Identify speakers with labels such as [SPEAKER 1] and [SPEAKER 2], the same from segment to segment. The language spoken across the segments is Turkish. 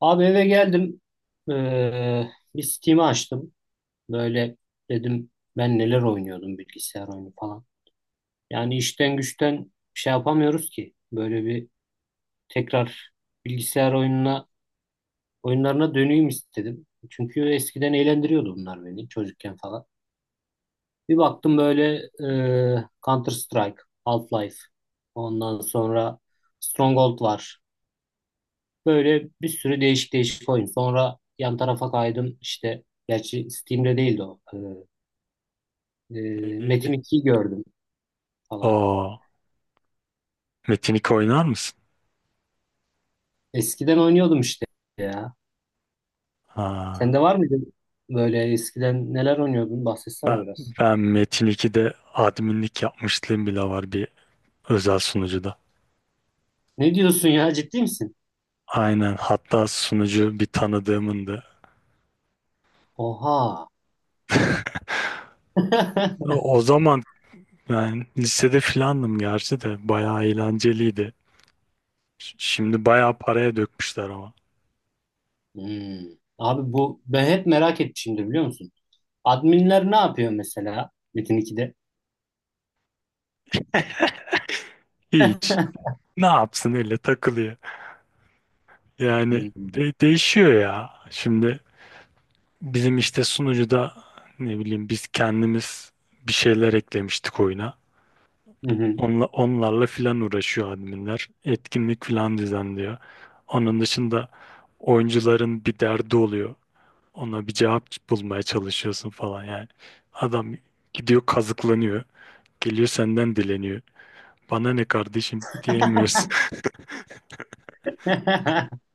[SPEAKER 1] Abi eve geldim. Ee, bir Steam'i açtım. Böyle dedim ben neler oynuyordum bilgisayar oyunu falan. Yani işten güçten şey yapamıyoruz ki. Böyle bir tekrar bilgisayar oyunlarına döneyim istedim. Çünkü eskiden eğlendiriyordu bunlar beni çocukken falan. Bir baktım böyle Counter Strike, Half-Life. Ondan sonra Stronghold var. Böyle bir sürü değişik değişik oyun. Sonra yan tarafa kaydım işte. Gerçi Steam'de değildi o.
[SPEAKER 2] Neydi?
[SPEAKER 1] Metin 2'yi gördüm falan.
[SPEAKER 2] Oo, Metin 2 oynar mısın?
[SPEAKER 1] Eskiden oynuyordum işte ya.
[SPEAKER 2] Ha,
[SPEAKER 1] Sende var mıydı böyle eskiden neler oynuyordun?
[SPEAKER 2] ben,
[SPEAKER 1] Bahsetsene biraz.
[SPEAKER 2] ben Metin 2'de adminlik yapmışlığım bile var, bir özel sunucuda.
[SPEAKER 1] Ne diyorsun ya ciddi misin?
[SPEAKER 2] Aynen, hatta sunucu bir tanıdığımındı.
[SPEAKER 1] Oha.
[SPEAKER 2] O o zaman ben lisede filandım gerçi, de bayağı eğlenceliydi. Şimdi bayağı paraya dökmüşler ama.
[SPEAKER 1] Hmm. Abi bu ben hep merak etmişimdir biliyor musun? Adminler ne yapıyor mesela Metin 2'de?
[SPEAKER 2] Hiç. Ne yapsın, öyle takılıyor. Yani
[SPEAKER 1] Hmm.
[SPEAKER 2] değişiyor ya. Şimdi bizim işte sunucuda, ne bileyim, biz kendimiz bir şeyler eklemiştik oyuna.
[SPEAKER 1] Hı hı.
[SPEAKER 2] Onlarla filan uğraşıyor adminler. Etkinlik filan düzenliyor. Onun dışında oyuncuların bir derdi oluyor. Ona bir cevap bulmaya çalışıyorsun falan yani. Adam gidiyor, kazıklanıyor. Geliyor senden dileniyor. Bana ne kardeşim diyemiyorsun.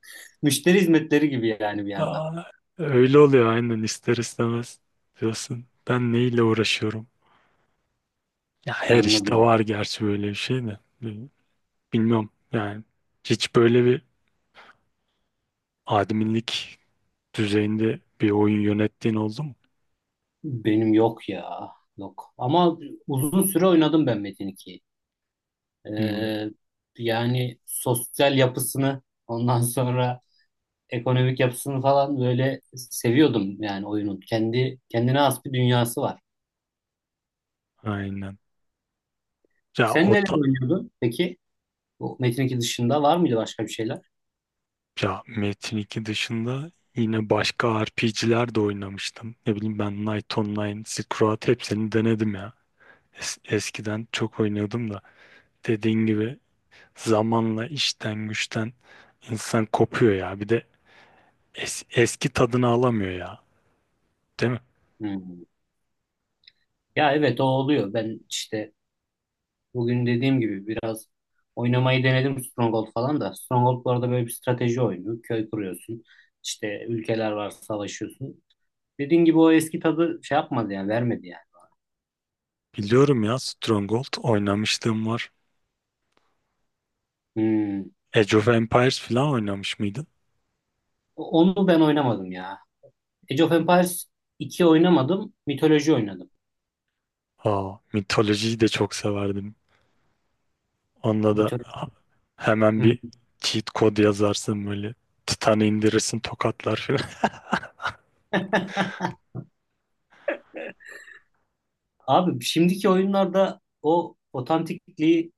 [SPEAKER 1] Müşteri hizmetleri gibi yani bir yandan.
[SPEAKER 2] Aa, öyle oluyor aynen, ister istemez diyorsun. Ben neyle uğraşıyorum? Ya her işte
[SPEAKER 1] Anladım.
[SPEAKER 2] var gerçi böyle bir şey de. Bilmiyorum yani. Hiç böyle bir adminlik düzeyinde bir oyun yönettiğin oldu mu?
[SPEAKER 1] Benim yok ya. Yok. Ama uzun süre oynadım ben Metin 2'yi.
[SPEAKER 2] Hmm,
[SPEAKER 1] Ee, yani sosyal yapısını ondan sonra ekonomik yapısını falan böyle seviyordum yani oyunun. Kendi kendine has bir dünyası var.
[SPEAKER 2] aynen. Ya
[SPEAKER 1] Sen
[SPEAKER 2] o
[SPEAKER 1] neler
[SPEAKER 2] da,
[SPEAKER 1] oynuyordun peki? Bu Metin 2 dışında var mıydı başka bir şeyler?
[SPEAKER 2] ya Metin 2 dışında yine başka RPG'ler de oynamıştım. Ne bileyim, ben Knight Online, Silk Road, hepsini denedim ya. Eskiden çok oynuyordum da, dediğin gibi zamanla işten güçten insan kopuyor ya. Bir de eski tadını alamıyor ya. Değil mi?
[SPEAKER 1] Hmm. Ya evet o oluyor. Ben işte bugün dediğim gibi biraz oynamayı denedim Stronghold falan da. Stronghold bu arada böyle bir strateji oyunu. Köy kuruyorsun. İşte ülkeler var savaşıyorsun. Dediğim gibi o eski tadı şey yapmadı yani vermedi yani.
[SPEAKER 2] Biliyorum ya, Stronghold oynamışlığım var.
[SPEAKER 1] Hmm.
[SPEAKER 2] Age of Empires falan oynamış mıydın?
[SPEAKER 1] Onu ben oynamadım ya. Age of Empires 2 oynamadım. Mitoloji oynadım.
[SPEAKER 2] Aa, mitolojiyi de çok severdim. Onda da
[SPEAKER 1] Mitoloji.
[SPEAKER 2] hemen
[SPEAKER 1] Hı.
[SPEAKER 2] bir cheat kod yazarsın böyle. Titan'ı indirirsin, tokatlar falan.
[SPEAKER 1] Abi şimdiki oyunlarda o otantikliği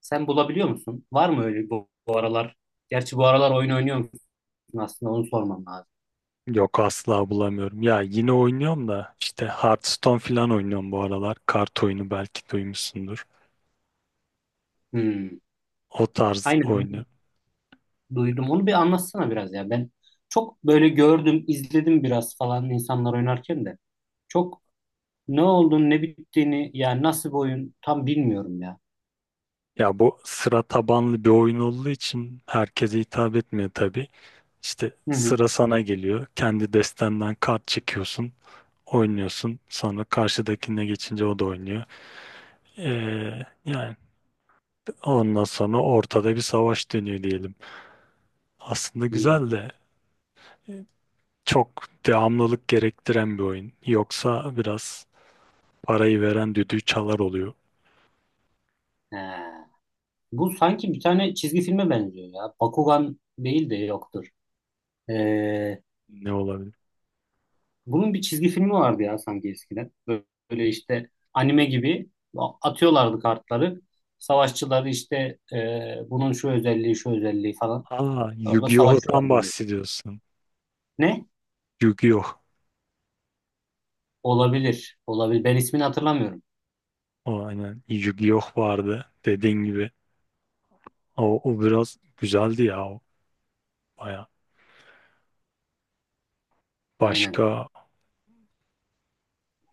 [SPEAKER 1] sen bulabiliyor musun? Var mı öyle bu aralar? Gerçi bu aralar oyun oynuyor musun aslında onu sormam lazım.
[SPEAKER 2] Yok, asla bulamıyorum. Ya yine oynuyorum da, işte Hearthstone falan oynuyorum bu aralar. Kart oyunu, belki duymuşsundur.
[SPEAKER 1] Hmm.
[SPEAKER 2] O tarz
[SPEAKER 1] Aynen.
[SPEAKER 2] oyunu.
[SPEAKER 1] Duydum. Onu bir anlatsana biraz ya. Ben çok böyle gördüm, izledim biraz falan insanlar oynarken de. Çok ne olduğunu, ne bittiğini, yani nasıl bir oyun tam bilmiyorum ya.
[SPEAKER 2] Ya bu sıra tabanlı bir oyun olduğu için herkese hitap etmiyor tabii. İşte
[SPEAKER 1] Hı hı.
[SPEAKER 2] sıra sana geliyor. Kendi destenden kart çekiyorsun, oynuyorsun. Sonra karşıdakine geçince o da oynuyor. Yani ondan sonra ortada bir savaş dönüyor diyelim. Aslında
[SPEAKER 1] Hmm.
[SPEAKER 2] güzel de e, çok devamlılık gerektiren bir oyun. Yoksa biraz parayı veren düdüğü çalar oluyor.
[SPEAKER 1] He. Bu sanki bir tane çizgi filme benziyor ya. Bakugan değil de yoktur. Ee,
[SPEAKER 2] Ne olabilir?
[SPEAKER 1] bunun bir çizgi filmi vardı ya sanki eskiden. Böyle işte anime gibi atıyorlardı kartları. Savaşçıları işte bunun şu özelliği, şu özelliği falan.
[SPEAKER 2] Aa,
[SPEAKER 1] Orada
[SPEAKER 2] Yu-Gi-Oh'tan
[SPEAKER 1] savaşıyorlar böyle.
[SPEAKER 2] bahsediyorsun.
[SPEAKER 1] Ne?
[SPEAKER 2] Yu-Gi-Oh.
[SPEAKER 1] Olabilir. Olabilir. Ben ismini hatırlamıyorum.
[SPEAKER 2] O aynen, Yu-Gi-Oh vardı dediğin gibi. O biraz güzeldi ya, o baya.
[SPEAKER 1] Aynen.
[SPEAKER 2] Başka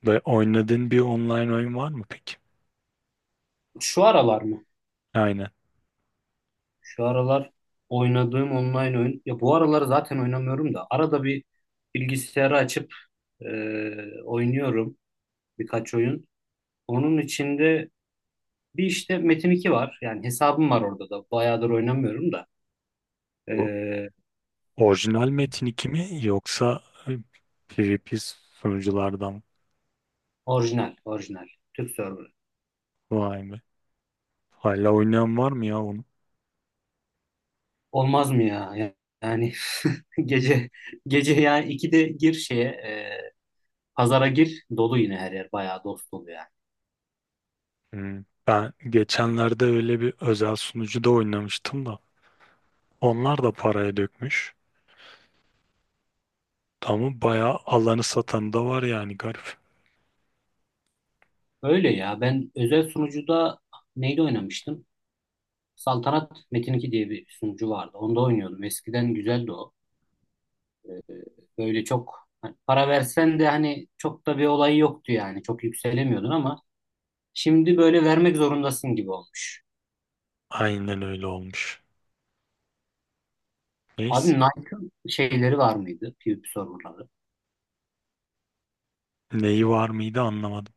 [SPEAKER 2] ve oynadığın bir online oyun var mı peki?
[SPEAKER 1] Şu aralar mı?
[SPEAKER 2] Aynen.
[SPEAKER 1] Şu aralar oynadığım online oyun. Ya bu aralar zaten oynamıyorum da. Arada bir bilgisayarı açıp e, oynuyorum birkaç oyun. Onun içinde bir işte Metin 2 var. Yani hesabım var orada da. Bayağıdır oynamıyorum da.
[SPEAKER 2] Bu
[SPEAKER 1] E,
[SPEAKER 2] orijinal Metin 2 mi, yoksa e, PvP sunuculardan?
[SPEAKER 1] orijinal, orijinal. Türk serverı.
[SPEAKER 2] Vay be. Hala oynayan var mı ya onu?
[SPEAKER 1] Olmaz mı ya? Yani gece gece yani 2'de gir şeye pazara gir. Dolu yine her yer. Bayağı dost dolu yani.
[SPEAKER 2] Hmm. Ben geçenlerde öyle bir özel sunucuda oynamıştım da. Onlar da paraya dökmüş. Tamam, bayağı alanı satan da var yani, garip.
[SPEAKER 1] Öyle ya. Ben özel sunucuda neyde oynamıştım? Saltanat Metin 2 diye bir sunucu vardı. Onda oynuyordum. Eskiden güzeldi o. Ee, Böyle çok hani para versen de hani çok da bir olayı yoktu yani. Çok yükselemiyordun ama şimdi böyle vermek zorundasın gibi olmuş.
[SPEAKER 2] Aynen, öyle olmuş.
[SPEAKER 1] Abi
[SPEAKER 2] Neyse.
[SPEAKER 1] Knight'ın şeyleri var mıydı? PvP serverları.
[SPEAKER 2] Neyi var mıydı, anlamadım.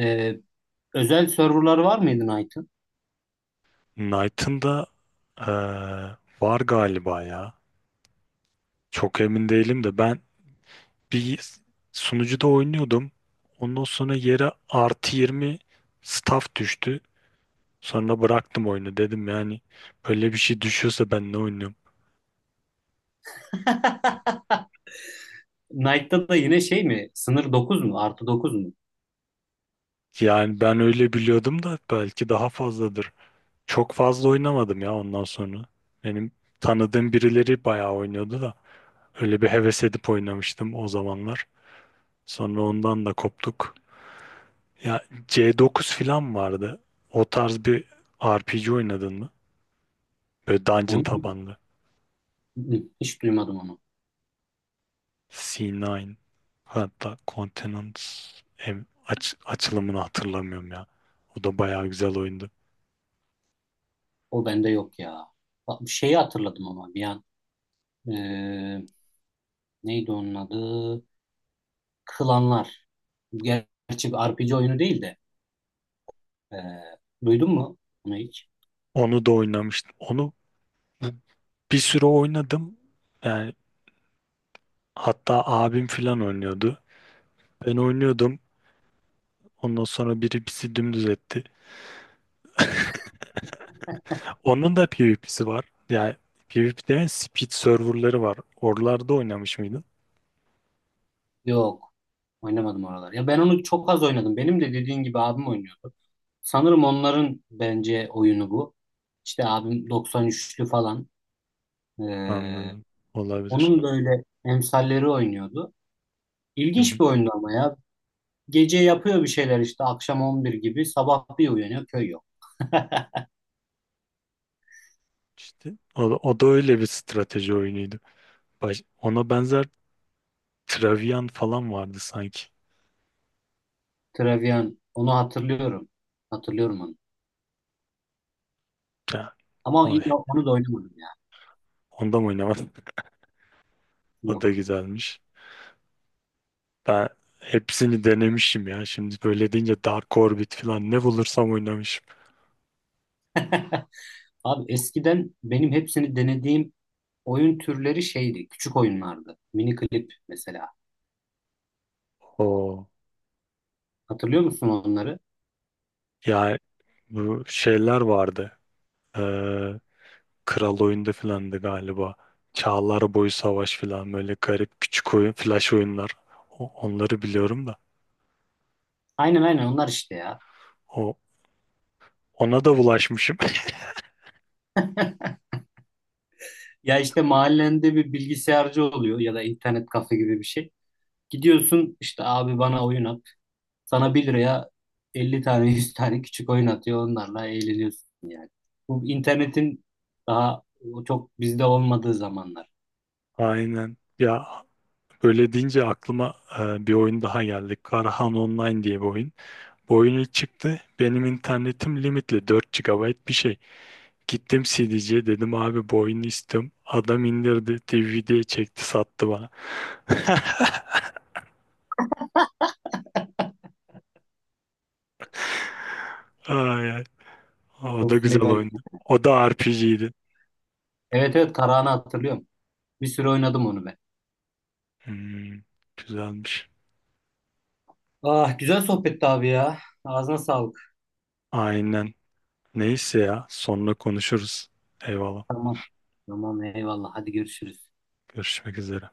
[SPEAKER 1] Ee, özel serverları var mıydı Knight'ın?
[SPEAKER 2] Knight'ın da eee, var galiba ya. Çok emin değilim de, ben bir sunucuda oynuyordum. Ondan sonra yere +20 staff düştü. Sonra bıraktım oyunu, dedim yani böyle bir şey düşüyorsa ben ne oynuyorum?
[SPEAKER 1] Knight'ta da yine şey mi? Sınır 9 mu? Artı dokuz mu?
[SPEAKER 2] Yani ben öyle biliyordum da, belki daha fazladır. Çok fazla oynamadım ya ondan sonra. Benim tanıdığım birileri bayağı oynuyordu da, öyle bir heves edip oynamıştım o zamanlar. Sonra ondan da koptuk. Ya C9 falan vardı. O tarz bir RPG oynadın mı? Böyle dungeon
[SPEAKER 1] Onu
[SPEAKER 2] tabanlı.
[SPEAKER 1] hiç duymadım onu.
[SPEAKER 2] C9, hatta Continent, açılımını hatırlamıyorum ya. O da bayağı güzel oyundu.
[SPEAKER 1] O bende yok ya. Bak, bir şeyi hatırladım ama bir an. Ee, neydi onun adı? Klanlar. Gerçi bir RPG oyunu değil de. ee, duydun mu onu hiç?
[SPEAKER 2] Onu da oynamıştım. Onu bu- bir süre oynadım. Yani hatta abim falan oynuyordu. Ben oynuyordum. Ondan sonra biri bizi dümdüz etti. Onun da PvP'si var. Yani PvP demeyen speed serverları var. Oralarda oynamış mıydın?
[SPEAKER 1] Yok. Oynamadım oralar. Ya ben onu çok az oynadım. Benim de dediğin gibi abim oynuyordu. Sanırım onların bence oyunu bu. İşte abim 93'lü falan. Ee,
[SPEAKER 2] Anladım. Olabilir.
[SPEAKER 1] onun böyle emsalleri oynuyordu.
[SPEAKER 2] Hı hı.
[SPEAKER 1] İlginç bir oyundu ama ya. Gece yapıyor bir şeyler işte akşam 11 gibi sabah bir uyanıyor köy
[SPEAKER 2] İşte o da öyle bir strateji oyunuydu. Ona benzer Travian falan vardı sanki.
[SPEAKER 1] Trevian. Onu hatırlıyorum. Hatırlıyorum onu.
[SPEAKER 2] Ya,
[SPEAKER 1] Ama
[SPEAKER 2] o,
[SPEAKER 1] onu da oynamadım ya.
[SPEAKER 2] onda mı oynamadım? O da
[SPEAKER 1] Yok.
[SPEAKER 2] güzelmiş. Ben hepsini denemişim ya. Şimdi böyle deyince Dark Orbit falan, ne bulursam oynamışım.
[SPEAKER 1] Abi eskiden benim hepsini denediğim oyun türleri şeydi. Küçük oyunlardı. Mini klip mesela.
[SPEAKER 2] O
[SPEAKER 1] Hatırlıyor musun onları?
[SPEAKER 2] yani, bu şeyler vardı. Ee, Kral oyunda filandı galiba. Çağlar boyu savaş filan, böyle garip küçük oyun, flash oyunlar. Onları biliyorum da.
[SPEAKER 1] Aynen aynen onlar işte ya.
[SPEAKER 2] O ona da bulaşmışım.
[SPEAKER 1] Ya işte mahallende bir bilgisayarcı oluyor ya da internet kafe gibi bir şey. Gidiyorsun işte abi bana oyun at. Sana 1 liraya 50 tane 100 tane küçük oyun atıyor. Onlarla eğleniyorsun yani. Bu internetin daha çok bizde olmadığı zamanlar.
[SPEAKER 2] Aynen. Ya öyle deyince aklıma bir oyun daha geldi. Karahan Online diye bir oyun. Bu oyun ilk çıktı. Benim internetim limitli, 4 gigabayt bir şey. Gittim CD'ciye, dedim abi bu oyunu istiyorum. Adam indirdi, DVD'ye çekti, sattı bana. Ay, ay. O da
[SPEAKER 1] Of ne
[SPEAKER 2] güzel
[SPEAKER 1] garip.
[SPEAKER 2] oyundu. O da RPG'ydi.
[SPEAKER 1] Evet evet Karahan'ı hatırlıyorum. Bir süre oynadım onu ben.
[SPEAKER 2] Hmm, güzelmiş.
[SPEAKER 1] Ah güzel sohbetti abi ya. Ağzına sağlık.
[SPEAKER 2] Aynen. Neyse, ya sonra konuşuruz. Eyvallah.
[SPEAKER 1] Tamam. Tamam eyvallah. Hadi görüşürüz.
[SPEAKER 2] Görüşmek üzere.